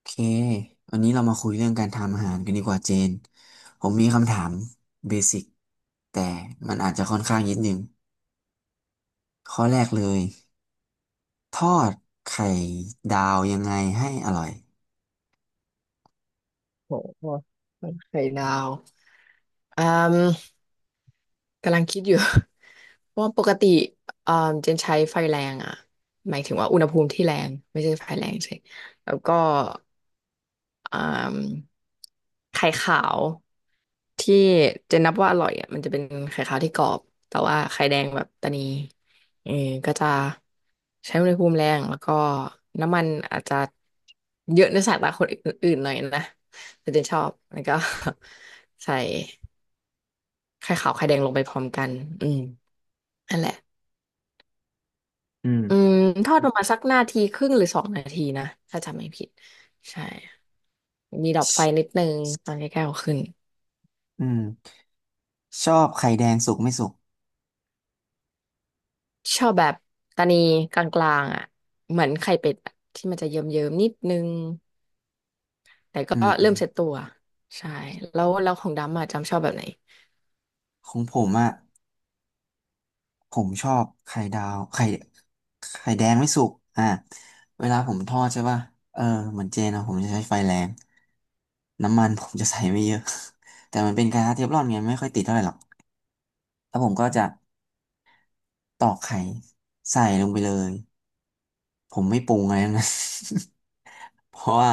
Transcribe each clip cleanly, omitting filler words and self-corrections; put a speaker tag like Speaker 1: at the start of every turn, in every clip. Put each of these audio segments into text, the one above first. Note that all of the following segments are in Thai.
Speaker 1: โอเควันนี้เรามาคุยเรื่องการทำอาหารกันดีกว่าเจน ผมมีคำถามเบสิกแต่มันอาจจะค่อนข้างนิดนึงข้อแรกเลยทอดไข่ดาวยังไงให้อร่อย
Speaker 2: โหไข่ดาวอืมกำลังคิดอยู่ เพราะว่าปกติเจนใช้ไฟแรงอ่ะหมายถึงว่าอุณหภูมิที่แรงไม่ใช่ไฟแรงใช่แล้วก็อืมไข่ขาวที่เจนนับว่าอร่อยอ่ะมันจะเป็นไข่ขาวที่กรอบแต่ว่าไข่แดงแบบตะนีเออก็จะใช้อุณหภูมิแรงแล้วก็น้ำมันอาจจะเยอะในสายตาคนอื่นๆหน่อยนะแต่เจนชอบแล้วก็ ใส่ ไข่ขาวไข่แดงลงไปพร้อมกันอืมนั่นแหละ
Speaker 1: อื
Speaker 2: อื
Speaker 1: ม
Speaker 2: มทอดประมาณสักนาทีครึ่งหรือสองนาทีนะ ถ้าจำไม่ผิด ใช่ มีดับ
Speaker 1: ช
Speaker 2: ไฟนิดนึงตอนใกล้ๆเอาขึ้น
Speaker 1: อืมชอบไข่แดงสุกไม่สุก
Speaker 2: ชอบแบบตานีกลางๆอ่ะ เหมือนไข่เป็ดอะที่มันจะเยิ้มๆนิดนึง แต่ก็
Speaker 1: อื
Speaker 2: เริ่ม
Speaker 1: ม
Speaker 2: เซ็ตตัว ใช่ แล้วของดำอ่ะจำชอบแบบไหน
Speaker 1: ของผมอ่ะ ผมชอบไข่ดาวไข่ไข่แดงไม่สุกอ่าเวลาผมทอดใช่ป่ะเออเหมือนเจนอะผมจะใช้ไฟแรงน้ำมันผมจะใส่ไม่เยอะ แต่มันเป็นกระทะเทฟลอนไงไม่ค่อยติดเท่าไหร่หรอกแล้วผมก็จะตอกไข่ใส่ลงไปเลย ผมไม่ปรุงอะไรทั้งนั้น เพราะว่า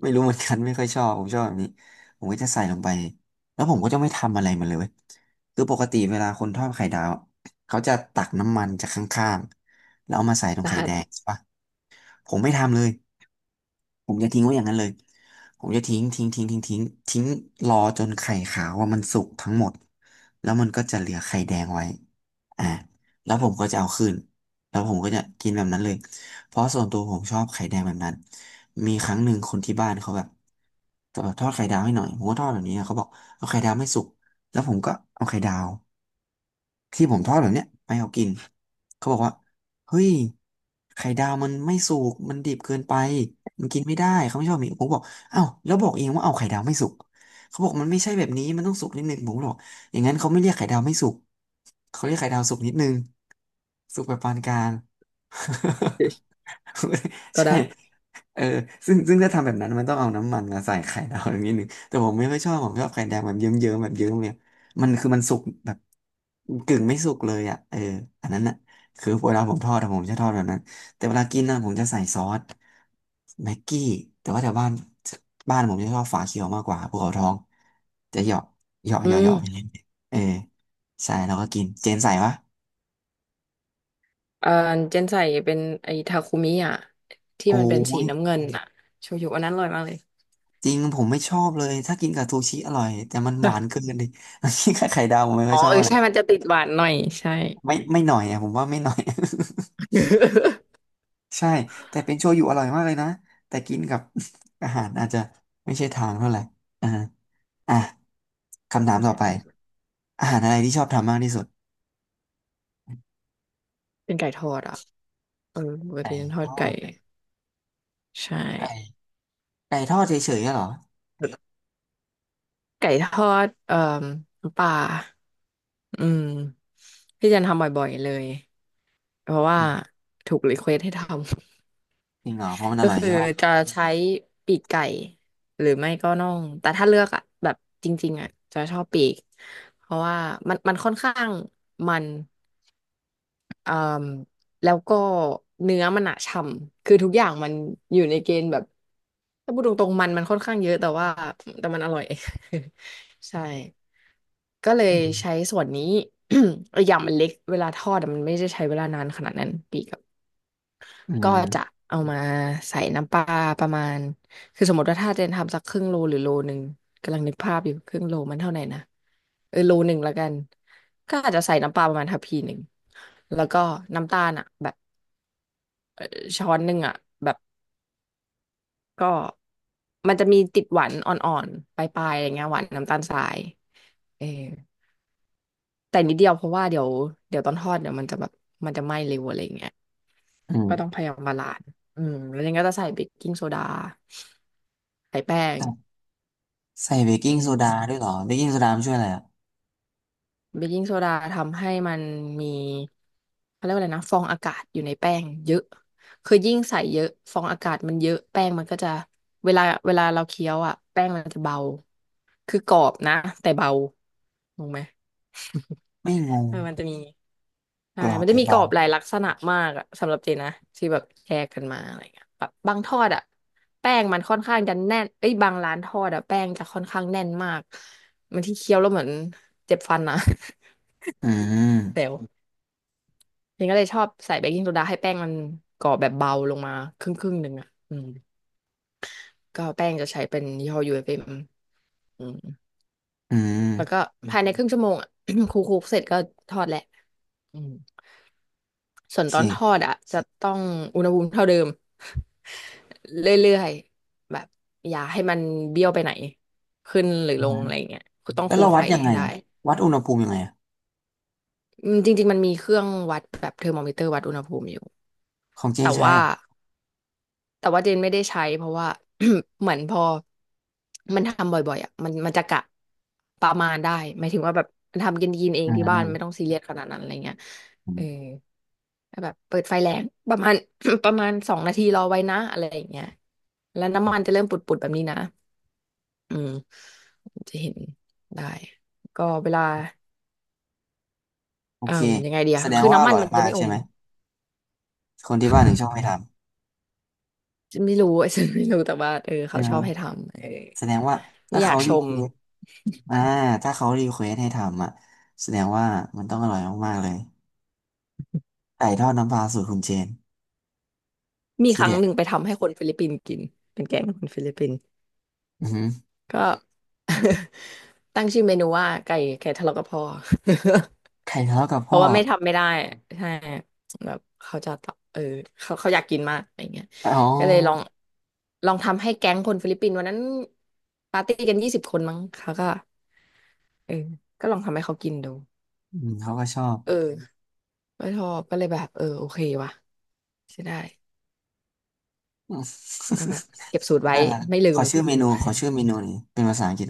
Speaker 1: ไม่รู้เหมือนกันไม่ค่อยชอบผมชอบแบบนี้ผมก็จะใส่ลงไปแล้วผมก็จะไม่ทำอะไรมันเลยเว้ยคือปกติเวลาคนทอดไข่ดาวเขาจะตักน้ำมันจากข้างๆแล้วเอามาใส่ตรง
Speaker 2: ร
Speaker 1: ไข่
Speaker 2: หั
Speaker 1: แดง
Speaker 2: ส
Speaker 1: ใช่ปะ ผมไม่ทำเลยผมจะทิ้งไว้อย่างนั้นเลยผมจะทิ้งรอจนไข่ขาวว่ามันสุกทั้งหมด แล้วมันก็จะเหลือไข่แดงไว้อ่าแล้วผมก็จะเอาคืนแล้วผมก็จะกินแบบนั้นเลย เพราะส่วนตัวผมชอบไข่แดงแบบนั้นมีครั้งหนึ่งคนที่บ้านเขาแบบจะแบบทอดไข่ดาวให้หน่อยผมก็ทอดแบบนี้นะเขาบอกเอาไข่ดาวไม่สุกแล้วผมก็เอาไข่ดาว ที่ผมทอดแบบเนี้ยไปเอากินเขาบอกว่าเฮ้ยไข่ดาวมันไม่สุกมันดิบเกินไปมันกินไม่ได้เขาไม่ชอบมีผมบอกอ้าวแล้วบอกเองว่าเอาไข่ดาวไม่สุกเขาบอกมันไม่ใช่แบบนี้มันต้องสุกนิดนึงผมบอกอย่างนั้นเขาไม่เรียกไข่ดาวไม่สุกเขาเรียกไข่ดาวสุกนิดนึงสุกแบบปานกลาง
Speaker 2: ก็
Speaker 1: ใช่
Speaker 2: ได้
Speaker 1: เออซึ่งถ้าทำแบบนั้นมันต้องเอาน้ำมันมาใส่ไข่ดาวอย่างนี้หนึ่งแต่ผมไม่ค่อยชอบผมชอบไข่แดงแบบเยิ้มๆแบบเยิ้มเนี่ยมันคือมันสุกแบบกึ่งไม่สุกเลยอ่ะเอออันนั้นอ่ะคือเวลาผมทอดอะผมจะทอดแบบนั้นแต่เวลากินนะผมจะใส่ซอสแม็กกี้แต่ว่าแถวบ้านบ้านผมจะชอบฝาเขียวมากกว่าภูเขาทองจะเหยาะเหยาะ
Speaker 2: อื
Speaker 1: เหยาะเห
Speaker 2: ม
Speaker 1: ยาะไปเรื่อยๆเออใช่แล้วก็กิน เจนใส่ปะ
Speaker 2: เอ่อเจนใส่เป็นไอ้ทาคุมิอ่ะที่
Speaker 1: โอ
Speaker 2: มันเป็น
Speaker 1: ้
Speaker 2: สีน้ำเงินอ่ะโชยุอันนั้นอร่อยมากเลย
Speaker 1: จริงผมไม่ชอบเลยถ้ากินกับซูชิอร่อยแต่มันหวานเกินดิ กินกับไข่ดาวผมไม่ค่
Speaker 2: อ๋
Speaker 1: อ
Speaker 2: อ
Speaker 1: ยชอบ
Speaker 2: เออ
Speaker 1: อะไร
Speaker 2: ใช่มันจะติดหวานหน่อยใช่
Speaker 1: ไม่หน่อยอ่ะผมว่าไม่หน่อย ใช่แต่เป็นโชยุอร่อยมากเลยนะแต่กินกับ อาหารอาจจะไม่ใช่ทางเท่าไหร่อ่าอ่ะคำถาม
Speaker 2: เข้า
Speaker 1: ต่
Speaker 2: ใจ
Speaker 1: อไป
Speaker 2: ได้
Speaker 1: อาหารอะไรที่ชอบทำมากที่สุด
Speaker 2: เป็นไก่ทอดอ่ะเออปกติ
Speaker 1: ไก่
Speaker 2: ฉันท
Speaker 1: ท
Speaker 2: อด
Speaker 1: อ
Speaker 2: ไก่
Speaker 1: ด
Speaker 2: ใช่
Speaker 1: ไก่ไก่ทอดเฉยๆอะเหรอ
Speaker 2: ไก่ทอดน้ำปลาอืมที่จะทำบ่อยๆเลยเพราะว่า
Speaker 1: อืม
Speaker 2: ถูกรีเควสให้ทำ
Speaker 1: จริงเหรอเพราะมันอ ร่อย
Speaker 2: คือ
Speaker 1: ใช่ป่ะ
Speaker 2: จะใช้ปีกไก่หรือไม่ก็น่องแต่ถ้าเลือกอ่ะแบบจริงๆอ่ะจะชอบปีกเพราะว่ามันค่อนข้างมัน อ่าแล้วก็เนื้อมันอะฉ่ำคือทุกอย่างมันอยู่ในเกณฑ์แบบถ้าพูดตรงๆมันค่อนข้างเยอะแต่ว่าแต่มันอร่อย ใช่ก็เลย
Speaker 1: อืม
Speaker 2: ใช้ส่วนนี้ อกอย่างมันเล็กเวลาทอดอะมันไม่ได้ใช้เวลานานขนาดนั้นปีกับ
Speaker 1: อื
Speaker 2: ก็จะ
Speaker 1: ม
Speaker 2: เอามาใส่น้ำปลาประมาณคือสมมติว่าถ้าเจนทำสักครึ่งโลหรือโลหนึ่งกำลังนึกภาพอยู่ครึ่งโลมันเท่าไหร่นะเออโลหนึ่งละกันก็อาจจะใส่น้ำปลาประมาณทัพพีหนึ่งแล้วก็น้ำตาลอ่ะแบบ เอ่อช้อนหนึ่งอ่ะแบบก็มันจะมีติดหวานอ่อนๆปลายๆอะไรเงี้ยหวานน้ำตาลทรายเออแต่นิดเดียวเพราะว่าเดี๋ยวตอนทอดเดี๋ยวมันจะแบบมันจะไหม้เร็วอะไรเงี้ย
Speaker 1: อืม
Speaker 2: ก็ต้องพยายามบาลานซ์อืมแล้วยังก็จะใส่เบกกิ้งโซดาใส่แป้ง
Speaker 1: ใส่เบกกิ้ง
Speaker 2: อื
Speaker 1: โซดา
Speaker 2: ม
Speaker 1: ด้วยเหรอเบกกิ้งโซดามันช่วยอะไรอ่ะ
Speaker 2: เบกกิ้งโซดาทำให้มันมีเขาเรียกว่าอะไรนะฟองอากาศอยู่ในแป้งเยอะคือยิ่งใส่เยอะฟองอากาศมันเยอะแป้งมันก็จะเวลาเราเคี้ยวอ่ะแป้งมันจะเบาคือกรอบนะแต่เบาถูกไหม
Speaker 1: ไม่งง
Speaker 2: เออมันจะมี
Speaker 1: ก
Speaker 2: ใช่
Speaker 1: รอบ
Speaker 2: มันจะ
Speaker 1: แย่
Speaker 2: มีกร
Speaker 1: เบา
Speaker 2: อบหลายลักษณะมากอะสำหรับเจนนะที่แบบแชร์กันมาอะไรเงี้ยแบบบางทอดอ่ะแป้งมันค่อนข้างจะแน่นเอ้ยบางร้านทอดอ่ะแป้งจะค่อนข้างแน่นมากบางที่เคี้ยวแล้วเหมือนเจ็บฟันนะ
Speaker 1: อื
Speaker 2: แซ
Speaker 1: ม
Speaker 2: ว เจนก็เลยชอบใส่เบกกิ้งโซดาให้แป้งมันกรอบแบบเบาลงมาครึ่งครึ่งหนึ่งอ่ะอืมก็แป้งจะใช้เป็นยี่ห้อยูเอฟเอ็มอืม
Speaker 1: อื
Speaker 2: แล้วก็
Speaker 1: ม
Speaker 2: ภายในครึ่งชั่วโมงอ่ะ คลุกๆเสร็จก็ทอดแหละอืมส่ว
Speaker 1: โอ
Speaker 2: น
Speaker 1: เค
Speaker 2: ตอนทอดอ่ะจะต้องอุณหภูมิเท่าเดิม เรื่อยๆแบบอย่าให้มันเบี้ยวไปไหนขึ้นหรือลงอะไร
Speaker 1: อ่า
Speaker 2: เงี้ยคือต้อง
Speaker 1: แล้ว
Speaker 2: คุม
Speaker 1: เราวั
Speaker 2: ไฟ
Speaker 1: ดยังไง
Speaker 2: ให้ได้
Speaker 1: วัดอุณหภูมิยังไงอะ
Speaker 2: อืมจริงๆมันมีเครื่องวัดแบบเทอร์โมมิเตอร์วัดอุณหภูมิอยู่
Speaker 1: ของเจ
Speaker 2: แต่
Speaker 1: นใช้
Speaker 2: ว่า
Speaker 1: เหรอ่ะ
Speaker 2: เจนไม่ได้ใช้เพราะว่า เหมือนพอมันทำบ่อยๆอ่ะมันจะกะประมาณได้หมายถึงว่าแบบมันทำกินกินเอง
Speaker 1: อื
Speaker 2: ที่บ้านไม่ต้อ
Speaker 1: ม
Speaker 2: งซีเรียสขนาดนั้นอะไรเงี้ย
Speaker 1: อื
Speaker 2: เออ
Speaker 1: ม
Speaker 2: แล้วแบบเปิดไฟแรงประมาณ ประมาณสองนาทีรอไว้นะอะไรอย่างเงี้ยแล้วน้ำมันจะเริ่มปุดๆแบบนี้นะอืมจะเห็นได้ก็เวลา
Speaker 1: โอ
Speaker 2: เอ่อ
Speaker 1: เค
Speaker 2: ยังไงเดีย
Speaker 1: แสดง
Speaker 2: คือ
Speaker 1: ว่าอ
Speaker 2: น้ำมัน
Speaker 1: ร่อย
Speaker 2: มัน
Speaker 1: มา
Speaker 2: จะ
Speaker 1: ก
Speaker 2: ไม่อ
Speaker 1: ใช่
Speaker 2: ม
Speaker 1: ไหมคนที่บ้านถึงชอบให้ท
Speaker 2: ไม่รู้ ฉันไม่รู้แต่ว่าเออ
Speaker 1: ำใช่
Speaker 2: เขาช
Speaker 1: ไหม
Speaker 2: อบให้ทำเออ
Speaker 1: แสดงว่า
Speaker 2: ไม่
Speaker 1: ถ้า
Speaker 2: อยา
Speaker 1: เขา
Speaker 2: กช
Speaker 1: รีเค
Speaker 2: ม
Speaker 1: วสอ่าถ้าเขารีเควสให้ทำอ่ะแสดงว่ามันต้องอร่อยมากๆเลยไก่ทอดน้ำปลาสูตรคุณเจน
Speaker 2: มีค
Speaker 1: ที่
Speaker 2: รั้ง
Speaker 1: เด็ด
Speaker 2: หนึ่งไปทำให้คนฟิลิปปินส์กินเป็นแกงคนฟิลิปปินส์
Speaker 1: อือหือ
Speaker 2: ก็ ตั้งชื่อเมนูว่าไก่ทะเลาะกับพ่อ
Speaker 1: ไข่ทะเลาะกับ
Speaker 2: เพ
Speaker 1: พ่อ
Speaker 2: ราะว่าไม่ทำไม่ได้ใช่แบบเขาจะตอบเออเขาอยากกินมากอะไรเงี้ย
Speaker 1: อ๋อ
Speaker 2: ก็เลยลองทำให้แก๊งคนฟิลิปปินส์วันนั้นปาร์ตี้กัน20 คนมั้งเขาก็เออก็ลองทำให้เขากินดู
Speaker 1: อืมเขาก็ชอบ
Speaker 2: เออไม่ชอบก็เลยแบบเออโอเควะใช่ได้ก็แบบเก็บสูตรไว้
Speaker 1: น่ารัก
Speaker 2: ไม่ลืม
Speaker 1: ขอชื่อเมนูหนี่อยเป็นภาษาอังกฤษ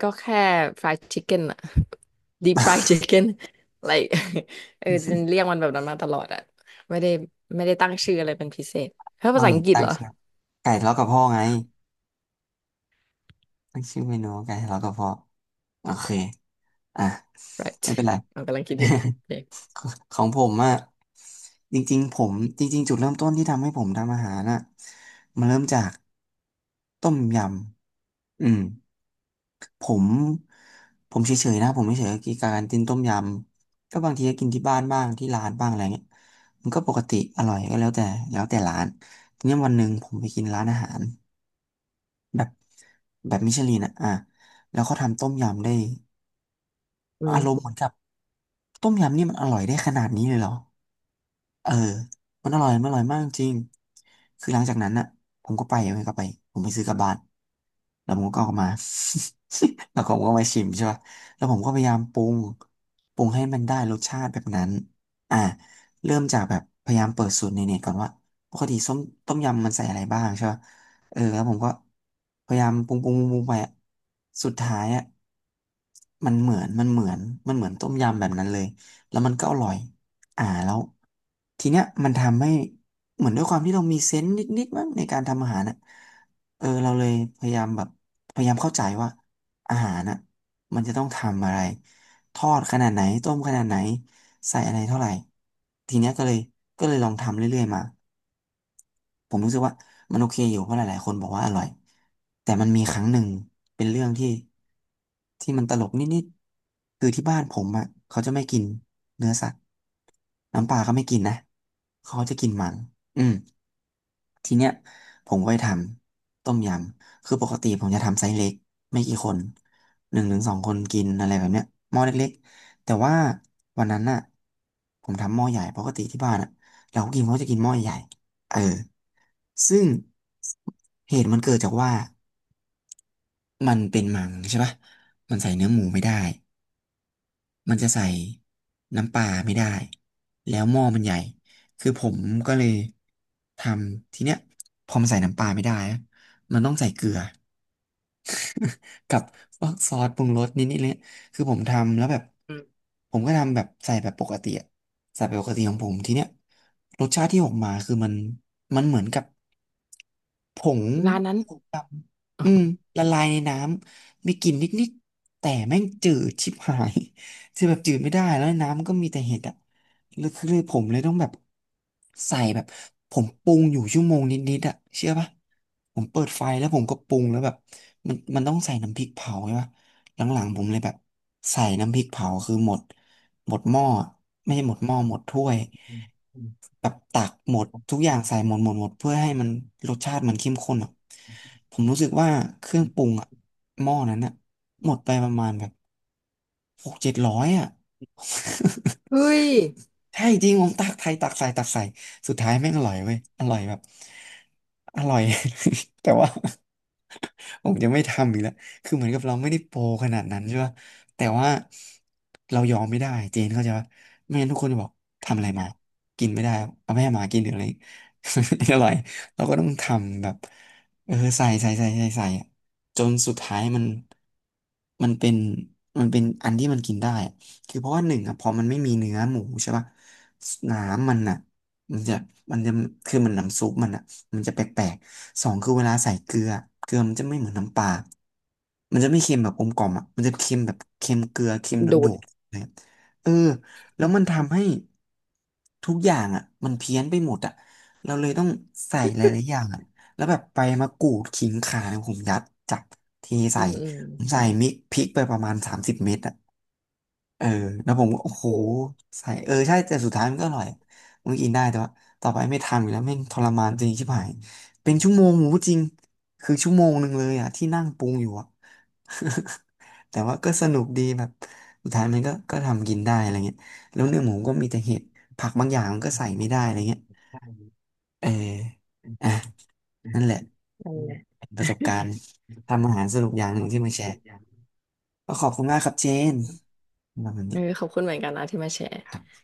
Speaker 2: ก็แค่ fried chicken อะ deep fried chicken like เออจะเรียกมันแบบนั้นมาตลอดอะไม่ได้ไม่ได้ตั้งชื่ออะไรเป็นพิเศษเพราะภา
Speaker 1: เอา
Speaker 2: ษา
Speaker 1: อ
Speaker 2: อั
Speaker 1: ย่า
Speaker 2: ง
Speaker 1: ง
Speaker 2: กฤษ
Speaker 1: ตั้
Speaker 2: เห
Speaker 1: ง
Speaker 2: รอ
Speaker 1: ชื่อไก่ทะเลาะกับพ่อไงตั้งชื่อเมนูว่าไก่ทะเลาะกับพ่อโอเคอ่ะ
Speaker 2: right
Speaker 1: ไม่เป็นไร
Speaker 2: เรากำลังคิดอยู่โอเค
Speaker 1: ของผมอะจริงๆจุดเริ่มต้นที่ทำให้ผมทำอาหารน่ะมันเริ่มจากต้มยำอืมผมผมเฉยๆนะผมเฉยๆกับการกินต้มยำก็บางทีก็กินที่บ้านบ้างที่ร้านบ้างอะไรเงี้ยมันก็ปกติอร่อยก็แล้วแต่แล้วแต่ร้านทีนี้วันหนึ่งผมไปกินร้านอาหาร แบบแบบมิชลินอ่ะแล้วเขาทำต้มยำได้
Speaker 2: อุ้ย
Speaker 1: อารมณ์เหมือนกับต้มยำนี่มันอร่อยได้ขนาดนี้เลยเหรอ เออมันอร่อยมากจริง คือหลังจากนั้นน่ะผมก็ไปผมไปซื้อกลับบ้านแล้วผมก็เอามา แล้วผมก็มาชิมใช่ป่ะแล้วผมก็พยายามปรุงปรุงให้มันได้รสชาติแบบนั้นอ่าเริ่มจากแบบพยายามเปิดสูตรในเน็ตก่อนว่าปกติต้มยำมันใส่อะไรบ้างใช่ป่ะเออแล้วผมก็พยายามปรุงไปอะสุดท้ายอ่ะมันเหมือนมันเหมือนมันเหมือนต้มยำแบบนั้นเลยแล้วมันก็อร่อย แล้วทีเนี้ยมันทำให้เหมือนด้วยความที่เรามีเซนส์นิดๆมั้งในการทำอาหารน่ะเออเราเลยพยายามแบบพยายามเข้าใจว่าอาหารน่ะมันจะต้องทำอะไรทอดขนาดไหนต้มขนาดไหนใส่อะไรเท่าไหร่ทีเนี้ยก็เลยลองทำเรื่อยๆมา ผมรู้สึกว่ามันโอเคอยู่เพราะหลายๆคนบอกว่าอร่อยแต่มันมีครั้งหนึ่งเป็นเรื่องที่ที่มันตลกนิดๆคือที่บ้านผมอ่ะเขาจะไม่กินเนื้อสัตว์น้ำปลาเขาไม่กินนะเขาจะกินมันอืม ทีเนี้ยผมก็ไปทำต้มยำคือปกติผมจะทำไซส์เล็กไม่กี่คนหนึ่งถึงสองคนกินอะไรแบบเนี้ยหม้อเล็กๆแต่ว่าวันนั้นน่ะผมทำหม้อใหญ่ปกติที่บ้านอ่ะเราก็กินเขาจะกินหม้อใหญ่เออซึ่งเหตุมันเกิดจากว่ามันเป็นมังใช่ปะมันใส่เนื้อหมูไม่ได้ มันจะใส่น้ำปลาไม่ได้ แล้วหม้อมันใหญ่ คือผมก็เลยทำทีเนี้ยพอมันใส่น้ำปลาไม่ได้นะมันต้องใส่เกลือ กับพวกซอสปรุงรสนิดนิดเลยคือผมทำแล้วแบบ
Speaker 2: อืม
Speaker 1: ผมก็ทำแบบใส่แบบปกติอะใส่แบบปกติของผมทีเนี้ยรสชาติที่ออกมาคือมันเหมือนกับผง
Speaker 2: ร้านนั้น
Speaker 1: ดำอืมละลายในน้ำมีกลิ่นนิดนิดแต่แม่งจืดชิบหาย คือแบบจืดไม่ได้แล้วน้ำก็มีแต่เห็ดอะ แล้วคือผมเลยต้องแบบใส่แบบผมปรุงอยู่ชั่วโมงนิดๆอะเชื่อปะผมเปิดไฟแล้วผมก็ปรุงแล้วแบบมันต้องใส่น้ำพริกเผาใช่ปะหลังๆผมเลยแบบใส่น้ำพริกเผาคือหมดหมดหม้อไม่ใช่หมดหม้อหมดถ้วยแบบตักหมดทุกอย่างใส่หมดหมดหมดเพื่อให้มันรสชาติมันเข้มข้นอ่ะผมรู้สึกว่าเครื่องปรุงอ่ะหม้อนั้นอ่ะหมดไปประมาณแบบหกเจ็ดร้อยอ่ะ
Speaker 2: เฮ้ย
Speaker 1: ใช่จริงผมตักไทยตักใส่ตักใส่สุดท้ายแม่งอร่อยเว้ยอร่อยแบบอร่อย แต่ว่า ผมจะไม่ทำอีกแล้วคือเหมือนกับเราไม่ได้โปรขนาดนั้นใช่ป่ะแต่ว่าเรายอมไม่ได้เจนเข้าใจป่ะไม่งั้นทุกคนจะบอกทำอะไรมากินไม่ได้เอาแม่หมากินหรืออะไร อร่อยเราก็ต้องทำแบบเออใส่ใส่ใส่ใส่ใส่อะจนสุดท้ายมันมันเป็นมันเป็นอันที่มันกินได้ คือเพราะว่าหนึ่งอ่ะพอมันไม่มีเนื้อหมูใช่ป่ะน้ำมันอะมันจะมันจะคือมันน้ำซุปมันอะมันจะแปลกๆสองคือเวลาใส่เกลือเกลือมันจะไม่เหมือนน้ำปลามันจะไม่เค็มแบบกลมกล่อมอะมันจะเค็มแบบเค็มเกลือเค็ม
Speaker 2: โด
Speaker 1: โด
Speaker 2: ด
Speaker 1: ดๆนะครับเออแล้วมันทำให้ทุกอย่างอ่ะมันเพี้ยนไปหมดอะเราเลยต้องใส่หลายๆอย่างอะแล้วแบบใบมะกรูดขิงข่าเนี่ยผมยัดจับเท
Speaker 2: อื
Speaker 1: ใส่
Speaker 2: มอืม
Speaker 1: ผมใส่มิกพริกไปประมาณ30 เม็ดอะ เออแล้วผมก็โอ้โห
Speaker 2: โอ้
Speaker 1: ใส่เออใช่แต่สุดท้ายมันก็อร่อยมันกินได้แต่ว่าต่อไปไม่ทำอีกแล้วแม่งทรมานจริงชิบหายเป็นชั่วโมงหมูจริงคือชั่วโมงหนึ่งเลยอ่ะที่นั่งปรุงอยู่อ่ะ แต่ว่าก็สนุกดีแบบสุดท้ายมันก็ทำกินได้อะไรเงี้ยแล้วเนื้อหมูก็มีแต่เห็ดผักบางอย่างมันก็ใส่ไม่ได้อะไรเงี้ยเอออ่ะนั่นแหละ
Speaker 2: นั่นแห
Speaker 1: เป็นประสบการณ์ทำอาหารสนุกอย่างหนึ่งที่มาแชร์ก็ขอบคุณมากครับเจนสำหรับวัน
Speaker 2: เออข
Speaker 1: นี้
Speaker 2: อบคุณเหมือนกันนะที่มาแชร์
Speaker 1: ครับ